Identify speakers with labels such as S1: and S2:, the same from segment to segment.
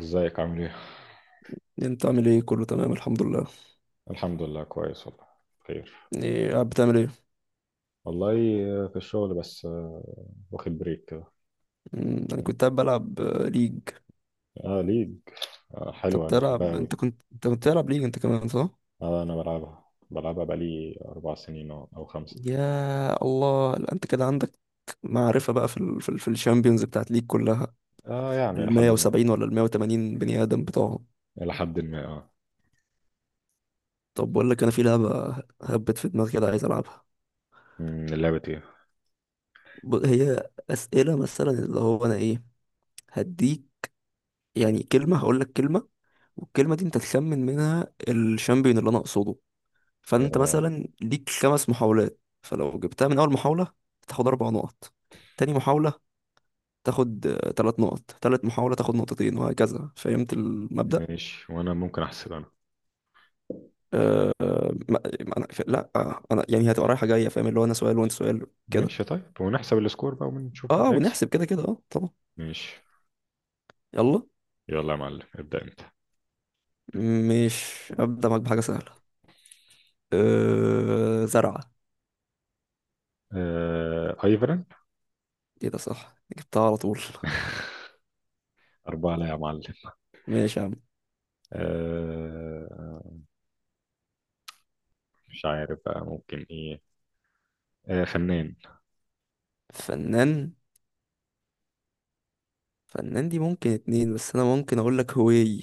S1: ازيك عامل ايه؟
S2: انت عامل ايه؟ كله تمام الحمد لله.
S1: الحمد لله كويس والله. بخير.
S2: ايه قاعد بتعمل ايه؟
S1: والله، في الشغل بس واخد بريك كده.
S2: انا كنت قاعد بلعب ليج.
S1: اه، ليج.
S2: انت
S1: حلوة، انا بحبها
S2: بتلعب انت
S1: قوي.
S2: كنت انت كنت بتلعب ليج انت كمان صح؟
S1: آه، انا بلعبها بلعبها بقالي 4 سنين او خمسة.
S2: يا الله، لا انت كده عندك معرفة بقى في الشامبيونز بتاعت ليج كلها،
S1: اه يعني الى
S2: ال
S1: حد ما.
S2: 170 ولا ال 180 بني ادم بتوعهم.
S1: الى حد ما، اه.
S2: طب بقول لك، انا في لعبة هبت في دماغي كده عايز العبها.
S1: لعبة ايه؟
S2: هي اسئلة، مثلا اللي هو انا ايه هديك، يعني كلمة هقول لك كلمة، والكلمة دي انت تخمن منها الشامبيون اللي انا اقصده. فانت
S1: آه
S2: مثلا ليك خمس محاولات، فلو جبتها من اول محاولة تاخد اربع نقط، تاني محاولة تاخد تلات نقط، تالت محاولة تاخد نقطتين، وهكذا. فهمت المبدأ؟
S1: ماشي. وانا ممكن احسب انا؟
S2: آه، ما- ما أنا ف... لا آه، أنا يعني هتبقى رايحة جاية، فاهم؟ اللي هو أنا سؤال وأنت سؤال. كده
S1: ماشي طيب، ونحسب السكور بقى ونشوف مين هيكسب.
S2: ونحسب، كده كده طبعا.
S1: ماشي.
S2: يلا.
S1: يلا يا معلم، ابدأ انت.
S2: مش أبدأ معاك بحاجة سهلة. زرعة.
S1: آه، ايفرن.
S2: إيه ده، صح، جبتها على طول.
S1: أربعة، لا يا معلم.
S2: ماشي يا عم.
S1: آه، مش عارف بقى ممكن ايه. آه، فنان.
S2: فنان فنان دي ممكن اتنين، بس أنا ممكن أقول لك هوي.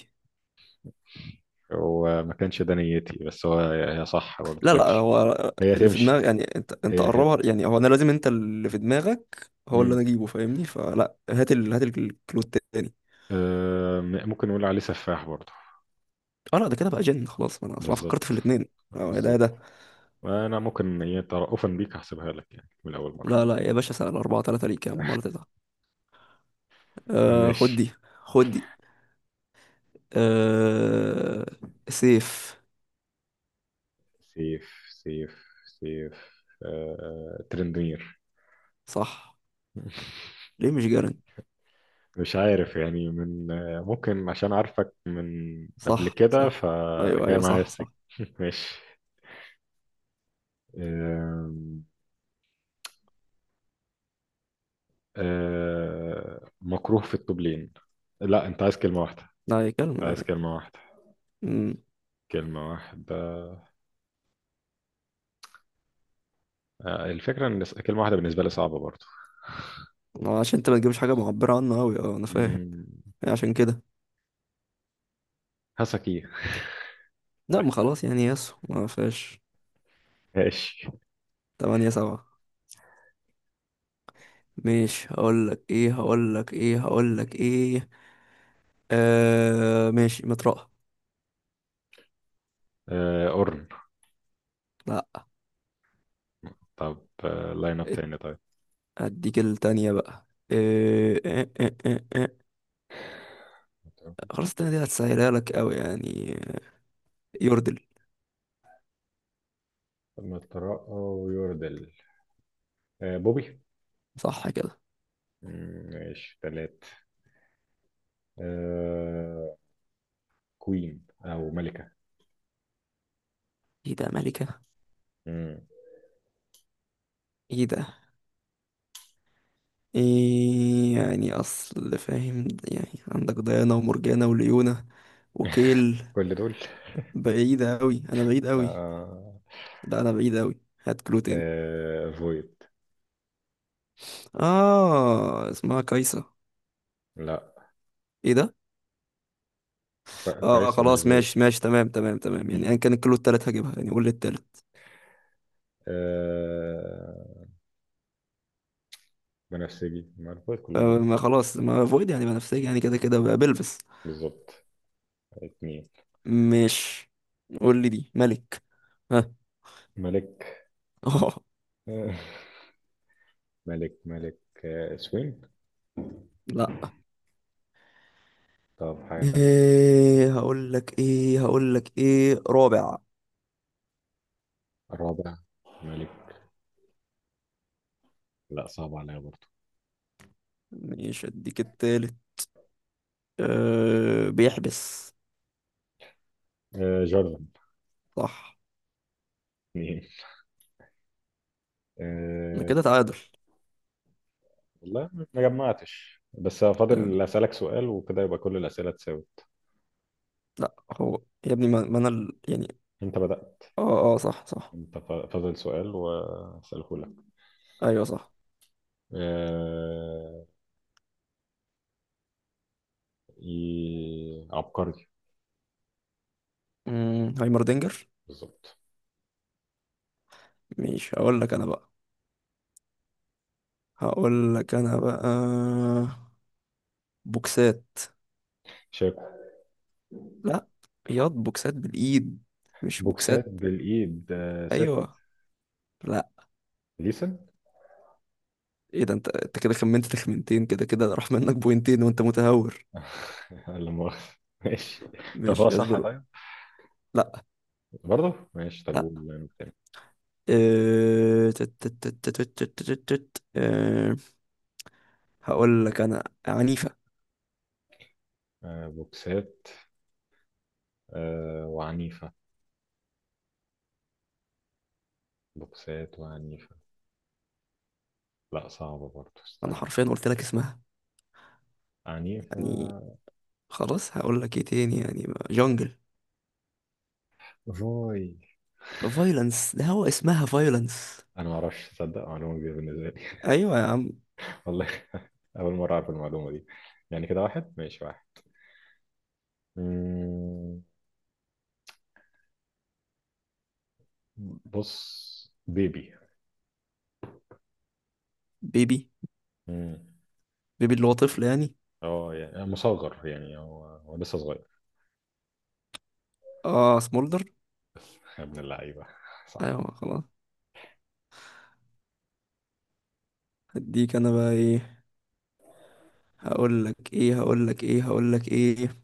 S1: وما كانش ده نيتي، بس هو هي صح برضه
S2: لا لا،
S1: تمشي.
S2: هو
S1: هي
S2: اللي في
S1: تمشي.
S2: دماغك، يعني انت
S1: هي هي.
S2: قربها، يعني هو انا لازم انت اللي في دماغك هو اللي
S1: مم.
S2: انا اجيبه، فاهمني؟ فلا، هات الكلو التاني.
S1: آه، ممكن نقول عليه سفاح برضه.
S2: اه لا، ده كده بقى جن خلاص، ما انا اصلا فكرت
S1: بالظبط.
S2: في الاثنين. اه يا ده يا
S1: بالظبط.
S2: ده.
S1: انا ممكن إيه، ترأفا بيك هحسبها لك يعني من اول
S2: لا
S1: مره.
S2: لا يا باشا، سنة الأربعة تلاتة، ليك يا عم ولا تزعل.
S1: آه،
S2: خد
S1: ماشي.
S2: دي، خد دي. آه سيف.
S1: سيف سيف. سيف، ترندمير.
S2: صح. ليه مش جارن؟
S1: مش عارف يعني من ممكن عشان عارفك من قبل
S2: صح
S1: كده
S2: صح. ايوه
S1: فجاي
S2: ايوه،
S1: معايا
S2: صح
S1: السكة.
S2: صح.
S1: ماشي. آم، آه مكروه في الطبلين. لا انت عايز كلمة واحدة؟
S2: لا هي كلمة
S1: عايز
S2: يعني.
S1: كلمة واحدة.
S2: امم
S1: كلمة واحدة آه. الفكرة ان كلمة واحدة بالنسبة لي صعبة برضو.
S2: عشان انت ما تجيبش حاجة معبرة عنه اوي، اه انا فاهم
S1: مم،
S2: يعني، عشان كده.
S1: هسكي.
S2: لا ما خلاص، يعني يسو ما فيهاش.
S1: ماشي.
S2: تمانية سبعة. ماشي، هقولك ايه. ماشي، مطرقة.
S1: آه قرن.
S2: لا.
S1: طب، لاين اب
S2: ات-
S1: تاني طيب.
S2: هديك التانية بقى. إيه إيه إيه إيه إيه. خلاص التانية دي هتسهلها لك أوي يعني. يوردل.
S1: ما الترقى ويوردل. آه بوبي.
S2: صح كده.
S1: ماشي تلات. آه كوين او ملكة.
S2: ايه ده، ملكة؟
S1: مم.
S2: ايه ده، ايه يعني؟ اصل فاهم، يعني عندك ديانا ومرجانة وليونة وكيل.
S1: كل دول.
S2: بعيدة أوي، أنا بعيد أوي.
S1: آه.
S2: لا أنا بعيد أوي. هات كلو تاني.
S1: آه فويد.
S2: اه، اسمها كايسة.
S1: لا
S2: ايه ده. اه
S1: كويسة، مش
S2: خلاص ماشي ماشي، تمام تمام تمام. يعني ايا
S1: فويد.
S2: كان الكيلو التالت هجيبها، يعني قول لي التالت.
S1: آه بنفسجي، ما الألفاظ كلهم
S2: ما
S1: بنفسجي.
S2: خلاص، ما فويد يعني بنفسجي، يعني كده كده بقى بلبس.
S1: بالظبط. اتنين.
S2: مش قول لي دي ملك. ها.
S1: ملك.
S2: اه.
S1: آه، ملك ملك. آه سوين.
S2: لا.
S1: طب حاجة تانية.
S2: ايه هقول لك ايه رابع.
S1: رابع. ملك. لا، صعب عليا برضه.
S2: مش اديك التالت. أه بيحبس.
S1: آه جوردن.
S2: صح.
S1: اتنين.
S2: أنا
S1: آه.
S2: كده تعادل.
S1: والله ما جمعتش، بس فاضل أسألك سؤال وكده يبقى كل الأسئلة اتساوت.
S2: لا، هو يا ابني، ما ما انا ال- يعني.
S1: انت بدأت.
S2: اه اه، صح صح.
S1: انت فاضل سؤال وأسأله لك.
S2: ايوه صح.
S1: آه... عبقري.
S2: هايمردينجر.
S1: بالظبط.
S2: مش هقول لك انا بقى. هقول لك انا بقى بوكسات
S1: شاكو.
S2: لا. ياض، بوكسات بالايد، مش
S1: بوكسات
S2: بوكسات.
S1: بالإيد، ست.
S2: ايوه. لا.
S1: ديسن.
S2: ايه ده، انت انت كده خمنت تخمنتين، كده كده راح منك بوينتين وانت متهور.
S1: لا مؤاخذة. ماشي. طب
S2: مش
S1: هو صح
S2: اصبر.
S1: طيب.
S2: لا
S1: برضه ماشي. طب
S2: لا.
S1: قول.
S2: آه، تت- تت- تت- تت- تت- تت- تت. آه، هقول لك انا عنيفة.
S1: آه، بوكسات. آه، وعنيفة. بوكسات وعنيفة. لا، صعبة برضه،
S2: انا
S1: استنى.
S2: حرفيا قلت لك اسمها
S1: عنيفة.
S2: يعني. خلاص هقول لك ايه تاني، جونجل.
S1: فوي.
S2: فايلنس، ده هو اسمها فايلنس.
S1: أنا ما أعرفش، تصدق معلومة جديدة بالنسبة لي.
S2: ايوه يا عم.
S1: والله. أول مرة أعرف المعلومة دي. يعني كده واحد ماشي واحد. مم، بص بيبي.
S2: بيبي.
S1: مم،
S2: بيبي اللي هو طفل يعني.
S1: اه يعني مصغر يعني هو هو لسه صغير.
S2: اه، سمولدر.
S1: يا ابن اللعيبة صح.
S2: ايوه خلاص. هديك انا بقى ايه. هقول لك ايه هقول لك ايه هقول لك ايه.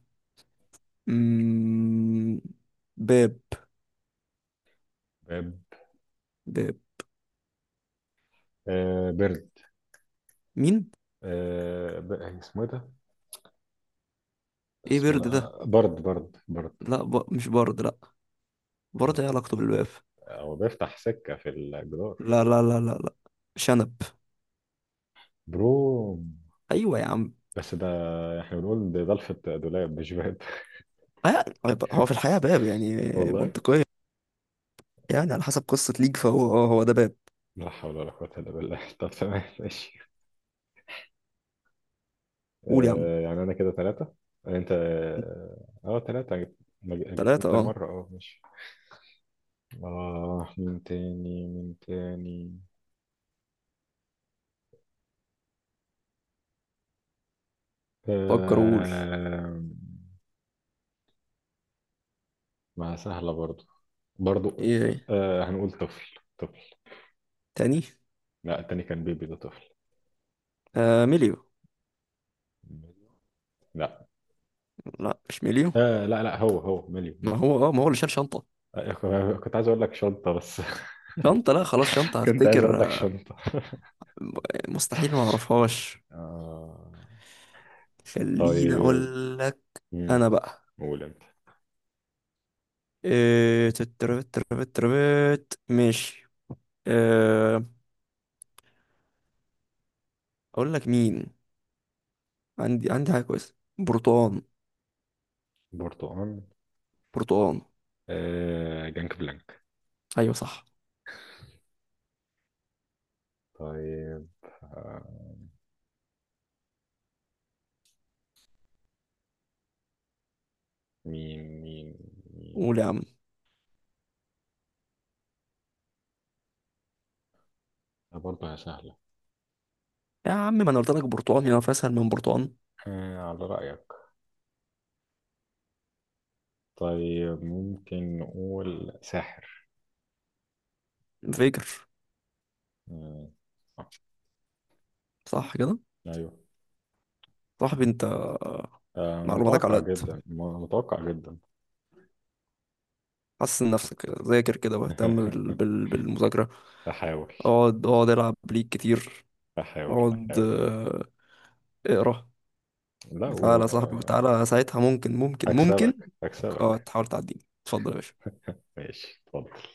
S2: مم... باب.
S1: باب.
S2: باب.
S1: آه، بيرد.
S2: مين؟
S1: اسمه إيه ده؟
S2: ايه
S1: اسم، لا،
S2: برد ده؟
S1: برد برد برد.
S2: لا مش برد، لا. برد، ايه علاقته بالباب؟
S1: هو بيفتح سكة في الجدار.
S2: لا لا لا لا لا. شنب.
S1: برو.
S2: ايوه يا عم.
S1: بس ده، احنا بنقول ده ضلفة دولاب مش باب.
S2: طيب، هو في الحقيقه باب يعني.
S1: والله.
S2: منطقيه، يعني على حسب قصه ليك، فهو اه هو ده باب.
S1: لا حول ولا قوة إلا بالله. طب تمام ماشي.
S2: قول يا عم.
S1: آه، يعني أنا كده ثلاثة. أنت. أه ثلاثة جبت. ما جبتهم
S2: ثلاثة
S1: تاني
S2: اه.
S1: مرة. أه ماشي. آه، مين تاني مين تاني؟
S2: فكر وقول.
S1: آه. ما سهلة برضو. برضو.
S2: ايه
S1: آه هنقول طفل طفل.
S2: تاني.
S1: لا، التاني كان بيبي، ده طفل.
S2: مليو.
S1: ميليو. لا.
S2: لا مش مليون.
S1: آه، لا لا، هو هو مليو
S2: ما
S1: مليو.
S2: هو اه ما هو اللي شال شنطة.
S1: آه، كنت عايز اقول لك شنطة بس.
S2: شنطة، لا خلاص، شنطة
S1: كنت عايز اقول
S2: هفتكر
S1: لك شنطة.
S2: مستحيل ما اعرفهاش.
S1: آه.
S2: خليني
S1: طيب.
S2: اقول لك.
S1: مم،
S2: انا بقى
S1: قول انت.
S2: إيه. تتربت تربت تربت ماشي. إيه. اقول لك مين. عندي، عندي حاجة كويسة. برتقان.
S1: برتقال.
S2: برتقان.
S1: آه جانك بلانك.
S2: ايوه صح.
S1: طيب. آه. مين مين. مين.
S2: قول يا عم.
S1: آه، برضه هي سهلة.
S2: يا عم ما انا قلت لك برتقان، يا اسهل من برتقان.
S1: آه على رأيك. طيب، ممكن نقول ساحر.
S2: فيجر.
S1: مم، صح.
S2: صح كده.
S1: ايوه.
S2: صاحبي انت،
S1: آه
S2: معلوماتك على
S1: متوقع
S2: قد.
S1: جدا، متوقع جدا.
S2: حسن نفسك كده، ذاكر كده واهتم بال... بال... بالمذاكرة
S1: احاول.
S2: اقعد اقعد، العب ليك كتير.
S1: هحاول
S2: اقعد،
S1: هحاول.
S2: اقرا.
S1: لا،
S2: وتعالى يا صاحبي،
S1: وهكسبك.
S2: وتعالى ساعتها ممكن ممكن ممكن. اه
S1: هكسبك.
S2: تحاول تعديني، اتفضل يا باشا.
S1: ماشي، اتفضل.